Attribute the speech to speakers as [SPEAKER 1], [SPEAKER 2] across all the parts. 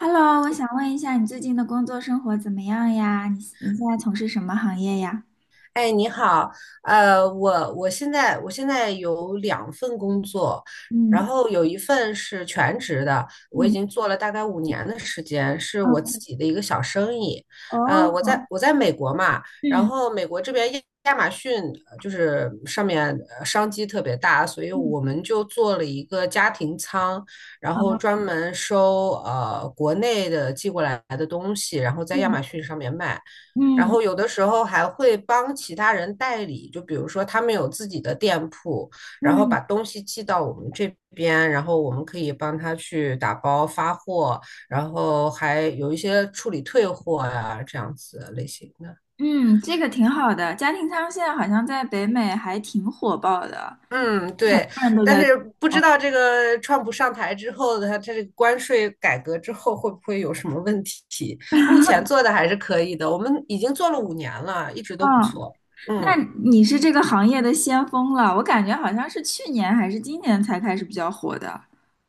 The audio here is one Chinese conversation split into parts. [SPEAKER 1] Hello，我想问一下，你最近的工作生活怎么样呀？你现在从事什么行业呀？
[SPEAKER 2] 哎，你好，我现在有两份工作，
[SPEAKER 1] 嗯。
[SPEAKER 2] 然后有一份是全职的，我已
[SPEAKER 1] 嗯。
[SPEAKER 2] 经做了大概五年的时间，是我
[SPEAKER 1] 嗯。
[SPEAKER 2] 自己的一个小生意。我在
[SPEAKER 1] 哦。
[SPEAKER 2] 我在美国嘛，然
[SPEAKER 1] 嗯。
[SPEAKER 2] 后美国这边亚马逊就是上面商机特别大，所以
[SPEAKER 1] 嗯。
[SPEAKER 2] 我们就做了一个家庭仓，然后
[SPEAKER 1] 哦。
[SPEAKER 2] 专门收国内的寄过来的东西，然后在亚
[SPEAKER 1] 嗯。
[SPEAKER 2] 马逊上面卖。然
[SPEAKER 1] 嗯。
[SPEAKER 2] 后有的时候还会帮其他人代理，就比如说他们有自己的店铺，然后
[SPEAKER 1] 嗯。
[SPEAKER 2] 把东西寄到我们这边，然后我们可以帮他去打包发货，然后还有一些处理退货呀，这样子类型的。
[SPEAKER 1] 嗯，这个挺好的。家庭舱现在好像在北美还挺火爆的，
[SPEAKER 2] 嗯，对，
[SPEAKER 1] 很多人都
[SPEAKER 2] 但
[SPEAKER 1] 在。
[SPEAKER 2] 是不知
[SPEAKER 1] 哦。
[SPEAKER 2] 道这个川普上台之后的他这个关税改革之后会不会有什么问题？目前做的还是可以的，我们已经做了五年了，一直都不
[SPEAKER 1] 哦，
[SPEAKER 2] 错。
[SPEAKER 1] 那
[SPEAKER 2] 嗯。
[SPEAKER 1] 你是这个行业的先锋了，我感觉好像是去年还是今年才开始比较火的。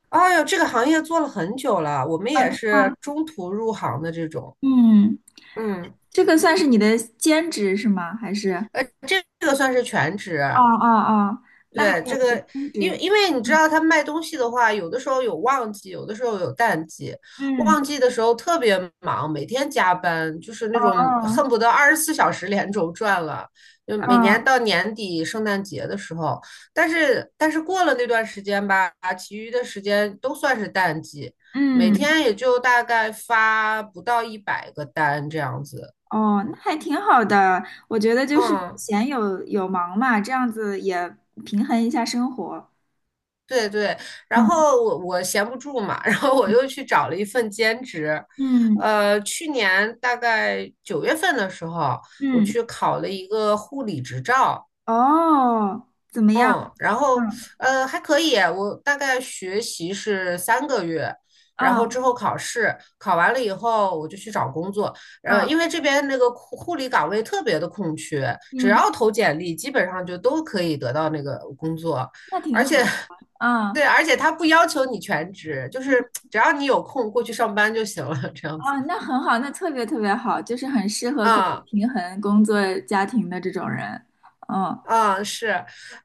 [SPEAKER 2] 哎呦，这个行业做了很久了，我们
[SPEAKER 1] 啊，是
[SPEAKER 2] 也
[SPEAKER 1] 吗？
[SPEAKER 2] 是中途入行的这种。
[SPEAKER 1] 嗯，
[SPEAKER 2] 嗯，
[SPEAKER 1] 这个算是你的兼职是吗？还是？
[SPEAKER 2] 呃，这个算是全职，
[SPEAKER 1] 哦哦哦，那还
[SPEAKER 2] 对，
[SPEAKER 1] 有
[SPEAKER 2] 这
[SPEAKER 1] 一个
[SPEAKER 2] 个，
[SPEAKER 1] 兼
[SPEAKER 2] 因为
[SPEAKER 1] 职。
[SPEAKER 2] 因为你知道，他卖东西的话，有的时候有旺季，有的时候有淡季。
[SPEAKER 1] 嗯。
[SPEAKER 2] 旺季的时候特别忙，每天加班，就是那种
[SPEAKER 1] 哦。
[SPEAKER 2] 恨不得24小时连轴转了。就每
[SPEAKER 1] 哦。
[SPEAKER 2] 年到年底圣诞节的时候，但是过了那段时间吧，其余的时间都算是淡季，每
[SPEAKER 1] 嗯。
[SPEAKER 2] 天也就大概发不到100个单这样子。
[SPEAKER 1] 哦，那还挺好的。我觉得就是有
[SPEAKER 2] 嗯，
[SPEAKER 1] 闲有忙嘛，这样子也平衡一下生活。
[SPEAKER 2] 对对，然
[SPEAKER 1] 嗯。
[SPEAKER 2] 后我闲不住嘛，然后我又去找了一份兼职，
[SPEAKER 1] 嗯。
[SPEAKER 2] 去年大概9月份的时候，我
[SPEAKER 1] 嗯，
[SPEAKER 2] 去考了一个护理执照，
[SPEAKER 1] 哦，怎么样？
[SPEAKER 2] 嗯，然后
[SPEAKER 1] 嗯。
[SPEAKER 2] 还可以，我大概学习是3个月，然后
[SPEAKER 1] 嗯。
[SPEAKER 2] 之后考试，考完了以后我就去找工作。
[SPEAKER 1] 嗯。
[SPEAKER 2] 因为这边那个护理岗位特别的空缺，只
[SPEAKER 1] 嗯，
[SPEAKER 2] 要投简历，基本上就都可以得到那个工作，
[SPEAKER 1] 那挺
[SPEAKER 2] 而
[SPEAKER 1] 好
[SPEAKER 2] 且
[SPEAKER 1] 的。
[SPEAKER 2] 对，
[SPEAKER 1] 啊。
[SPEAKER 2] 而且他不要求你全职，就
[SPEAKER 1] 嗯。
[SPEAKER 2] 是只要你有空过去上班就行了，这样子。
[SPEAKER 1] 啊，那很好，那特别特别好，就是很适合可以
[SPEAKER 2] 啊、
[SPEAKER 1] 平衡工作家庭的这种人。嗯。
[SPEAKER 2] 啊，是，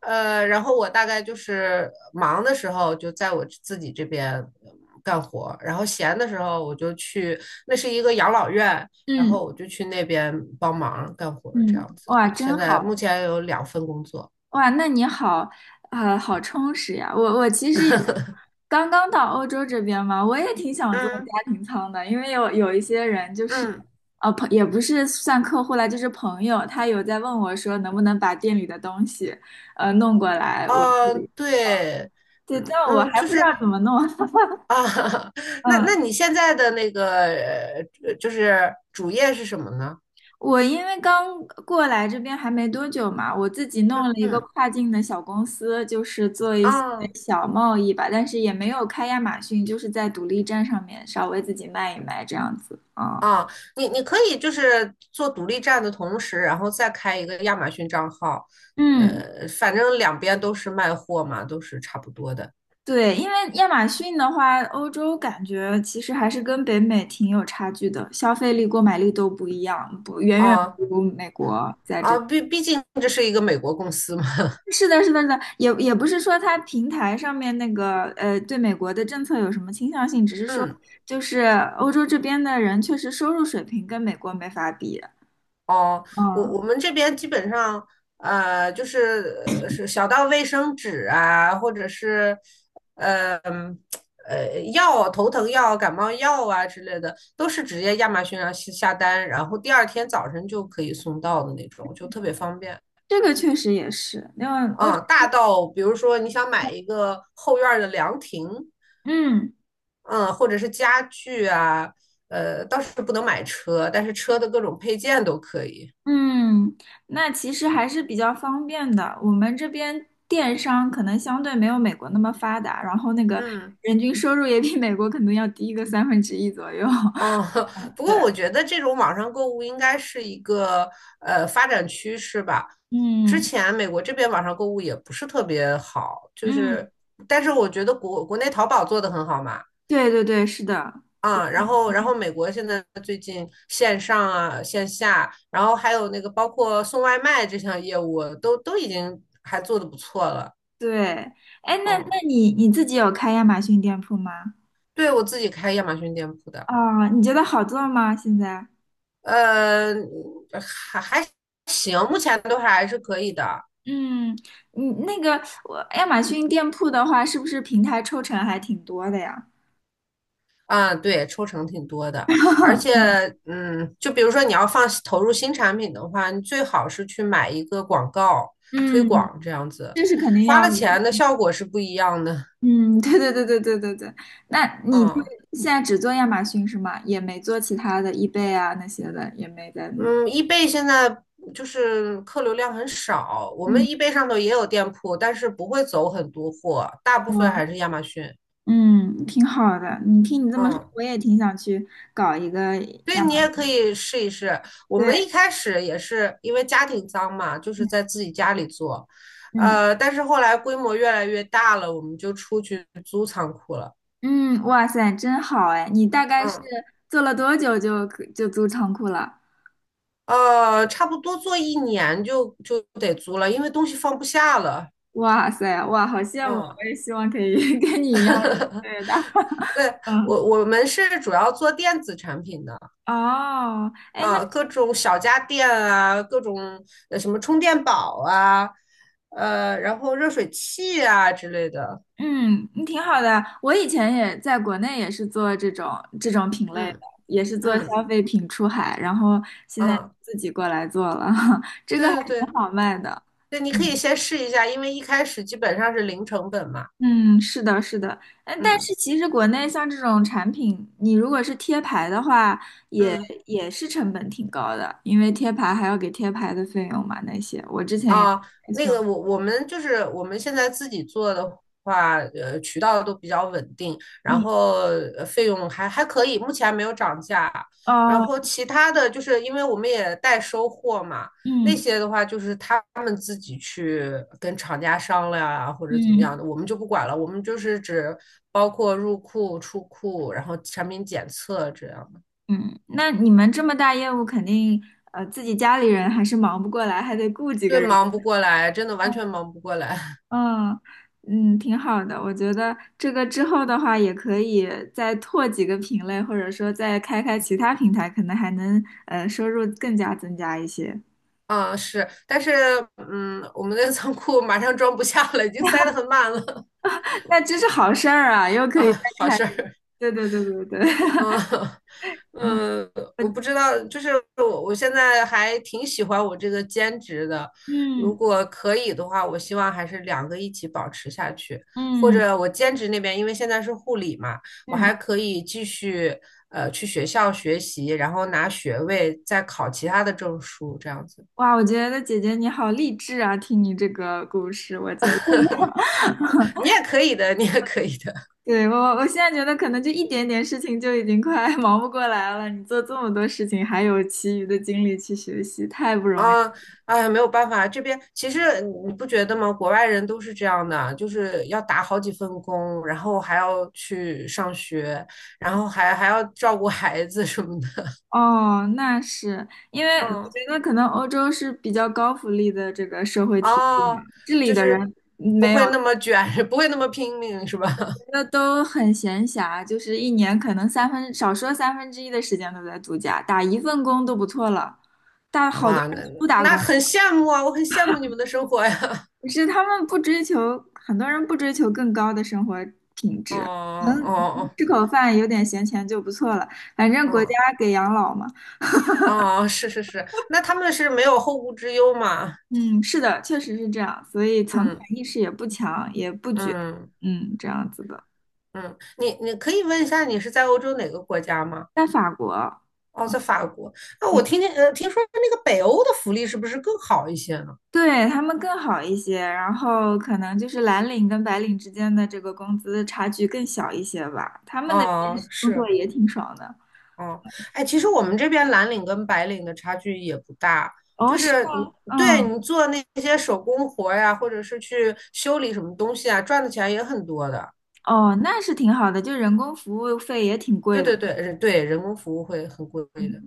[SPEAKER 2] 然后我大概就是忙的时候就在我自己这边干活，然后闲的时候我就去，那是一个养老院，然
[SPEAKER 1] 嗯。
[SPEAKER 2] 后我就去那边帮忙干活，这
[SPEAKER 1] 嗯，
[SPEAKER 2] 样子。
[SPEAKER 1] 哇，
[SPEAKER 2] 现
[SPEAKER 1] 真
[SPEAKER 2] 在
[SPEAKER 1] 好。
[SPEAKER 2] 目前有两份工作。
[SPEAKER 1] 哇，那你好，好充实呀。我其实也刚刚到欧洲这边嘛，我也挺想做
[SPEAKER 2] 嗯
[SPEAKER 1] 家庭舱的，因为有一些人就是，
[SPEAKER 2] 嗯，
[SPEAKER 1] 也不是算客户啦，就是朋友，他有在问我说能不能把店里的东西，弄过来，我
[SPEAKER 2] 哦，对，
[SPEAKER 1] 对，
[SPEAKER 2] 嗯
[SPEAKER 1] 但我
[SPEAKER 2] 嗯，
[SPEAKER 1] 还
[SPEAKER 2] 就
[SPEAKER 1] 不知道
[SPEAKER 2] 是
[SPEAKER 1] 怎么弄。
[SPEAKER 2] 啊，那
[SPEAKER 1] 嗯，
[SPEAKER 2] 那你现在的那个就是主业是什么呢？
[SPEAKER 1] 我因为刚过来这边还没多久嘛，我自己弄了一个
[SPEAKER 2] 嗯
[SPEAKER 1] 跨境的小公司，就是做一些
[SPEAKER 2] 啊。
[SPEAKER 1] 小贸易吧，但是也没有开亚马逊，就是在独立站上面稍微自己卖一卖这样子啊。
[SPEAKER 2] 啊，你可以就是做独立站的同时，然后再开一个亚马逊账号，
[SPEAKER 1] 嗯，
[SPEAKER 2] 反正两边都是卖货嘛，都是差不多的
[SPEAKER 1] 对，因为亚马逊的话，欧洲感觉其实还是跟北美挺有差距的，消费力、购买力都不一样，不远远
[SPEAKER 2] 啊
[SPEAKER 1] 不如美国在这。
[SPEAKER 2] 啊，毕竟这是一个美国公司嘛，
[SPEAKER 1] 是的，是的，是的，也不是说它平台上面那个对美国的政策有什么倾向性，只是说
[SPEAKER 2] 嗯。
[SPEAKER 1] 就是欧洲这边的人确实收入水平跟美国没法比。
[SPEAKER 2] 哦，我
[SPEAKER 1] 嗯，
[SPEAKER 2] 我们这边基本上，就是是小到卫生纸啊，或者是，呃嗯药、头疼药、感冒药啊之类的，都是直接亚马逊上下单，然后第二天早晨就可以送到的那种，就特别方便。
[SPEAKER 1] 这个确实也是，因为欧洲，
[SPEAKER 2] 嗯，大到比如说你想买一个后院儿的凉亭，
[SPEAKER 1] 嗯。
[SPEAKER 2] 嗯，或者是家具啊，倒是不能买车，但是车的各种配件都可以。
[SPEAKER 1] 嗯，那其实还是比较方便的。我们这边电商可能相对没有美国那么发达，然后那个
[SPEAKER 2] 嗯。
[SPEAKER 1] 人均收入也比美国可能要低个三分之一左右。
[SPEAKER 2] 哦，不过
[SPEAKER 1] 对。
[SPEAKER 2] 我觉得这种网上购物应该是一个发展趋势吧。之
[SPEAKER 1] 嗯。
[SPEAKER 2] 前美国这边网上购物也不是特别好，就
[SPEAKER 1] 嗯，
[SPEAKER 2] 是，但是我觉得国内淘宝做的很好嘛，
[SPEAKER 1] 对对对，是的。
[SPEAKER 2] 啊，然后美国现在最近线上啊线下，然后还有那个包括送外卖这项业务都已经还做的不错了，
[SPEAKER 1] 对，哎，那那
[SPEAKER 2] 嗯，
[SPEAKER 1] 你你自己有开亚马逊店铺吗？
[SPEAKER 2] 对我自己开亚马逊店铺的，
[SPEAKER 1] 哦，你觉得好做吗？现在？
[SPEAKER 2] 呃，还行，目前都还是可以的。
[SPEAKER 1] 嗯，你那个我亚马逊店铺的话，是不是平台抽成还挺多的呀？
[SPEAKER 2] 啊，对，抽成挺多的，而且，嗯，就比如说你要放投入新产品的话，你最好是去买一个广告推
[SPEAKER 1] 嗯。嗯，
[SPEAKER 2] 广这样子，
[SPEAKER 1] 这是肯定
[SPEAKER 2] 花
[SPEAKER 1] 要
[SPEAKER 2] 了
[SPEAKER 1] 的。
[SPEAKER 2] 钱的效果是不一样的。
[SPEAKER 1] 嗯，对对对对对对对。那你就
[SPEAKER 2] 啊，
[SPEAKER 1] 现在只做亚马逊是吗？也没做其他的 eBay 啊那些的，也没在弄。
[SPEAKER 2] 嗯，易贝现在就是客流量很少，我们
[SPEAKER 1] 嗯。
[SPEAKER 2] 易贝上头也有店铺，但是不会走很多货，大部分
[SPEAKER 1] 哦。
[SPEAKER 2] 还是亚马逊。
[SPEAKER 1] 嗯，挺好的。你听你这么说，
[SPEAKER 2] 嗯。
[SPEAKER 1] 我也挺想去搞一个
[SPEAKER 2] 对
[SPEAKER 1] 亚
[SPEAKER 2] 你
[SPEAKER 1] 马
[SPEAKER 2] 也
[SPEAKER 1] 逊。
[SPEAKER 2] 可以试一试。我们
[SPEAKER 1] 对。
[SPEAKER 2] 一开始也是因为家庭脏嘛，就是
[SPEAKER 1] 嗯。
[SPEAKER 2] 在自己家里做，
[SPEAKER 1] 嗯。
[SPEAKER 2] 但是后来规模越来越大了，我们就出去租仓库了。
[SPEAKER 1] 嗯，哇塞，真好哎！你大概是
[SPEAKER 2] 嗯，
[SPEAKER 1] 做了多久就租仓库了？
[SPEAKER 2] 差不多做一年就得租了，因为东西放不下了。
[SPEAKER 1] 哇塞，哇，好羡慕啊！
[SPEAKER 2] 嗯，
[SPEAKER 1] 我也希望可以 跟你一样越 做越大。
[SPEAKER 2] 对，
[SPEAKER 1] 嗯。
[SPEAKER 2] 我们是主要做电子产品的
[SPEAKER 1] 哦。哎，那
[SPEAKER 2] 啊，各种小家电啊，各种什么充电宝啊，然后热水器啊之类的。
[SPEAKER 1] 嗯，你挺好的。我以前也在国内也是做这种品类的，
[SPEAKER 2] 嗯
[SPEAKER 1] 也是做
[SPEAKER 2] 嗯
[SPEAKER 1] 消费品出海，然后现在
[SPEAKER 2] 啊，
[SPEAKER 1] 自己过来做了，这个还
[SPEAKER 2] 对对
[SPEAKER 1] 挺
[SPEAKER 2] 对
[SPEAKER 1] 好卖的。
[SPEAKER 2] 对，你可以
[SPEAKER 1] 嗯。
[SPEAKER 2] 先试一下，因为一开始基本上是零成本嘛。
[SPEAKER 1] 嗯，是的，是的，嗯，但
[SPEAKER 2] 嗯
[SPEAKER 1] 是其实国内像这种产品，你如果是贴牌的话，也
[SPEAKER 2] 嗯。
[SPEAKER 1] 也是成本挺高的，因为贴牌还要给贴牌的费用嘛，那些我之前也
[SPEAKER 2] 啊，
[SPEAKER 1] 也
[SPEAKER 2] 那
[SPEAKER 1] 算
[SPEAKER 2] 个
[SPEAKER 1] 过。
[SPEAKER 2] 我们就是我们现在自己做的话，渠道都比较稳定，然
[SPEAKER 1] 嗯。
[SPEAKER 2] 后费用还可以，目前还没有涨价。然后
[SPEAKER 1] 哦。
[SPEAKER 2] 其他的就是因为我们也代收货嘛，那
[SPEAKER 1] 嗯。
[SPEAKER 2] 些的话就是他们自己去跟厂家商量啊，或者怎么样
[SPEAKER 1] 嗯。
[SPEAKER 2] 的，我们就不管了，我们就是只包括入库、出库，然后产品检测这样的。
[SPEAKER 1] 嗯，那你们这么大业务，肯定自己家里人还是忙不过来，还得雇几个
[SPEAKER 2] 对，
[SPEAKER 1] 人。
[SPEAKER 2] 忙不过来，真的完全忙不过来。
[SPEAKER 1] 嗯。嗯，挺好的。我觉得这个之后的话，也可以再拓几个品类，或者说再开其他平台，可能还能收入更加增加一些。
[SPEAKER 2] 啊，是，但是我们的仓库马上装不下了，已经塞得很满了
[SPEAKER 1] 那这是好事儿啊，又可以
[SPEAKER 2] 啊，
[SPEAKER 1] 再
[SPEAKER 2] 好
[SPEAKER 1] 开
[SPEAKER 2] 事
[SPEAKER 1] 一个。
[SPEAKER 2] 儿
[SPEAKER 1] 对对对对对，
[SPEAKER 2] 啊，
[SPEAKER 1] 嗯。
[SPEAKER 2] 嗯，我不知道，就是我现在还挺喜欢我这个兼职的，如
[SPEAKER 1] 嗯。
[SPEAKER 2] 果可以的话，我希望还是两个一起保持下去，或
[SPEAKER 1] 嗯。
[SPEAKER 2] 者我兼职那边，因为现在是护理嘛，我
[SPEAKER 1] 嗯，
[SPEAKER 2] 还可以继续去学校学习，然后拿学位，再考其他的证书，这样子，
[SPEAKER 1] 哇，我觉得姐姐你好励志啊，听你这个故事，我觉得。
[SPEAKER 2] 你也可以的，你也可以的。
[SPEAKER 1] 对，我现在觉得可能就一点点事情就已经快 忙不过来了，你做这么多事情，还有其余的精力去学习，太不容易。
[SPEAKER 2] 啊，哎，没有办法，这边其实你不觉得吗？国外人都是这样的，就是要打好几份工，然后还要去上学，然后还要照顾孩子什么的。
[SPEAKER 1] 哦，那是因为 我觉
[SPEAKER 2] 嗯，
[SPEAKER 1] 得可能欧洲是比较高福利的这个社会体系嘛，
[SPEAKER 2] 哦，
[SPEAKER 1] 这里
[SPEAKER 2] 就
[SPEAKER 1] 的
[SPEAKER 2] 是
[SPEAKER 1] 人
[SPEAKER 2] 不
[SPEAKER 1] 没有，
[SPEAKER 2] 会那么卷，不会那么拼命，是吧？
[SPEAKER 1] 那都很闲暇，就是一年可能三分，少说三分之一的时间都在度假，打一份工都不错了，但 好多
[SPEAKER 2] 哇，
[SPEAKER 1] 人
[SPEAKER 2] 那
[SPEAKER 1] 都不打
[SPEAKER 2] 那
[SPEAKER 1] 工。
[SPEAKER 2] 很羡慕啊，我很羡慕你们的生活呀。
[SPEAKER 1] 可是他们不追求，很多人不追求更高的生活品
[SPEAKER 2] 哦
[SPEAKER 1] 质，能
[SPEAKER 2] 哦
[SPEAKER 1] 吃口饭，有点闲钱就不错了，反正国家
[SPEAKER 2] 哦
[SPEAKER 1] 给养老嘛。
[SPEAKER 2] 哦，是是是，那他们是没有后顾之忧嘛？
[SPEAKER 1] 嗯，是的，确实是这样，所以存款
[SPEAKER 2] 嗯
[SPEAKER 1] 意识也不强，也不卷。
[SPEAKER 2] 嗯。
[SPEAKER 1] 嗯，这样子的。
[SPEAKER 2] 嗯，你可以问一下，你是在欧洲哪个国家吗？
[SPEAKER 1] 在法国。
[SPEAKER 2] 哦，
[SPEAKER 1] 嗯，
[SPEAKER 2] 在法国。那我
[SPEAKER 1] 对。
[SPEAKER 2] 听听，听说那个北欧的福利是不是更好一些呢？
[SPEAKER 1] 对，他们更好一些，然后可能就是蓝领跟白领之间的这个工资差距更小一些吧。他们那边
[SPEAKER 2] 哦，
[SPEAKER 1] 是工作
[SPEAKER 2] 是，
[SPEAKER 1] 也挺爽的。
[SPEAKER 2] 哦，哎，其实我们这边蓝领跟白领的差距也不大，
[SPEAKER 1] 哦，
[SPEAKER 2] 就
[SPEAKER 1] 是
[SPEAKER 2] 是你
[SPEAKER 1] 吗？
[SPEAKER 2] 对
[SPEAKER 1] 嗯。
[SPEAKER 2] 你做那些手工活儿呀，或者是去修理什么东西啊，赚的钱也很多的。
[SPEAKER 1] 哦，那是挺好的，就人工服务费也挺贵
[SPEAKER 2] 对
[SPEAKER 1] 的。
[SPEAKER 2] 对对，人工服务会很贵的。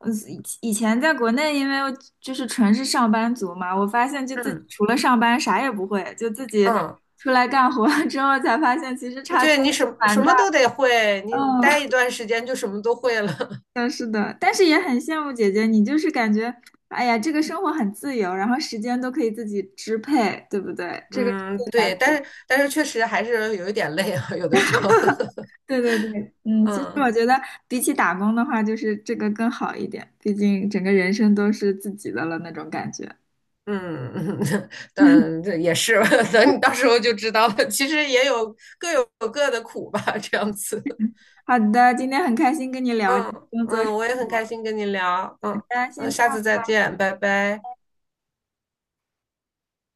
[SPEAKER 1] 嗯，以前在国内，因为我就是纯是上班族嘛，我发现就自己
[SPEAKER 2] 嗯
[SPEAKER 1] 除了上班啥也不会，就自己
[SPEAKER 2] 嗯，
[SPEAKER 1] 出来干活儿之后才发现，其实差距
[SPEAKER 2] 对你
[SPEAKER 1] 还
[SPEAKER 2] 什
[SPEAKER 1] 是
[SPEAKER 2] 么
[SPEAKER 1] 蛮
[SPEAKER 2] 什
[SPEAKER 1] 大
[SPEAKER 2] 么都
[SPEAKER 1] 的。
[SPEAKER 2] 得会，你
[SPEAKER 1] 嗯，
[SPEAKER 2] 待
[SPEAKER 1] 是
[SPEAKER 2] 一段时间就什么都会了。
[SPEAKER 1] 的，是的，但是也很羡慕姐姐，你就是感觉，哎呀，这个生活很自由，然后时间都可以自己支配，对不对？这个是
[SPEAKER 2] 嗯，
[SPEAKER 1] 最难
[SPEAKER 2] 对，但
[SPEAKER 1] 的。
[SPEAKER 2] 是但是确实还是有一点累啊，有的时候，
[SPEAKER 1] 对对对，嗯，其实我
[SPEAKER 2] 嗯
[SPEAKER 1] 觉得比起打工的话，就是这个更好一点，毕竟整个人生都是自己的了那种感觉。
[SPEAKER 2] 嗯嗯，但这也是，等你到时候就知道了。其实也有各有各的苦吧，这样子。
[SPEAKER 1] 好的，今天很开心跟你聊这个
[SPEAKER 2] 嗯
[SPEAKER 1] 工作生
[SPEAKER 2] 嗯，我也很开
[SPEAKER 1] 活，
[SPEAKER 2] 心跟你聊，嗯
[SPEAKER 1] 大家
[SPEAKER 2] 嗯，
[SPEAKER 1] 先这
[SPEAKER 2] 下
[SPEAKER 1] 样。
[SPEAKER 2] 次再见，拜拜。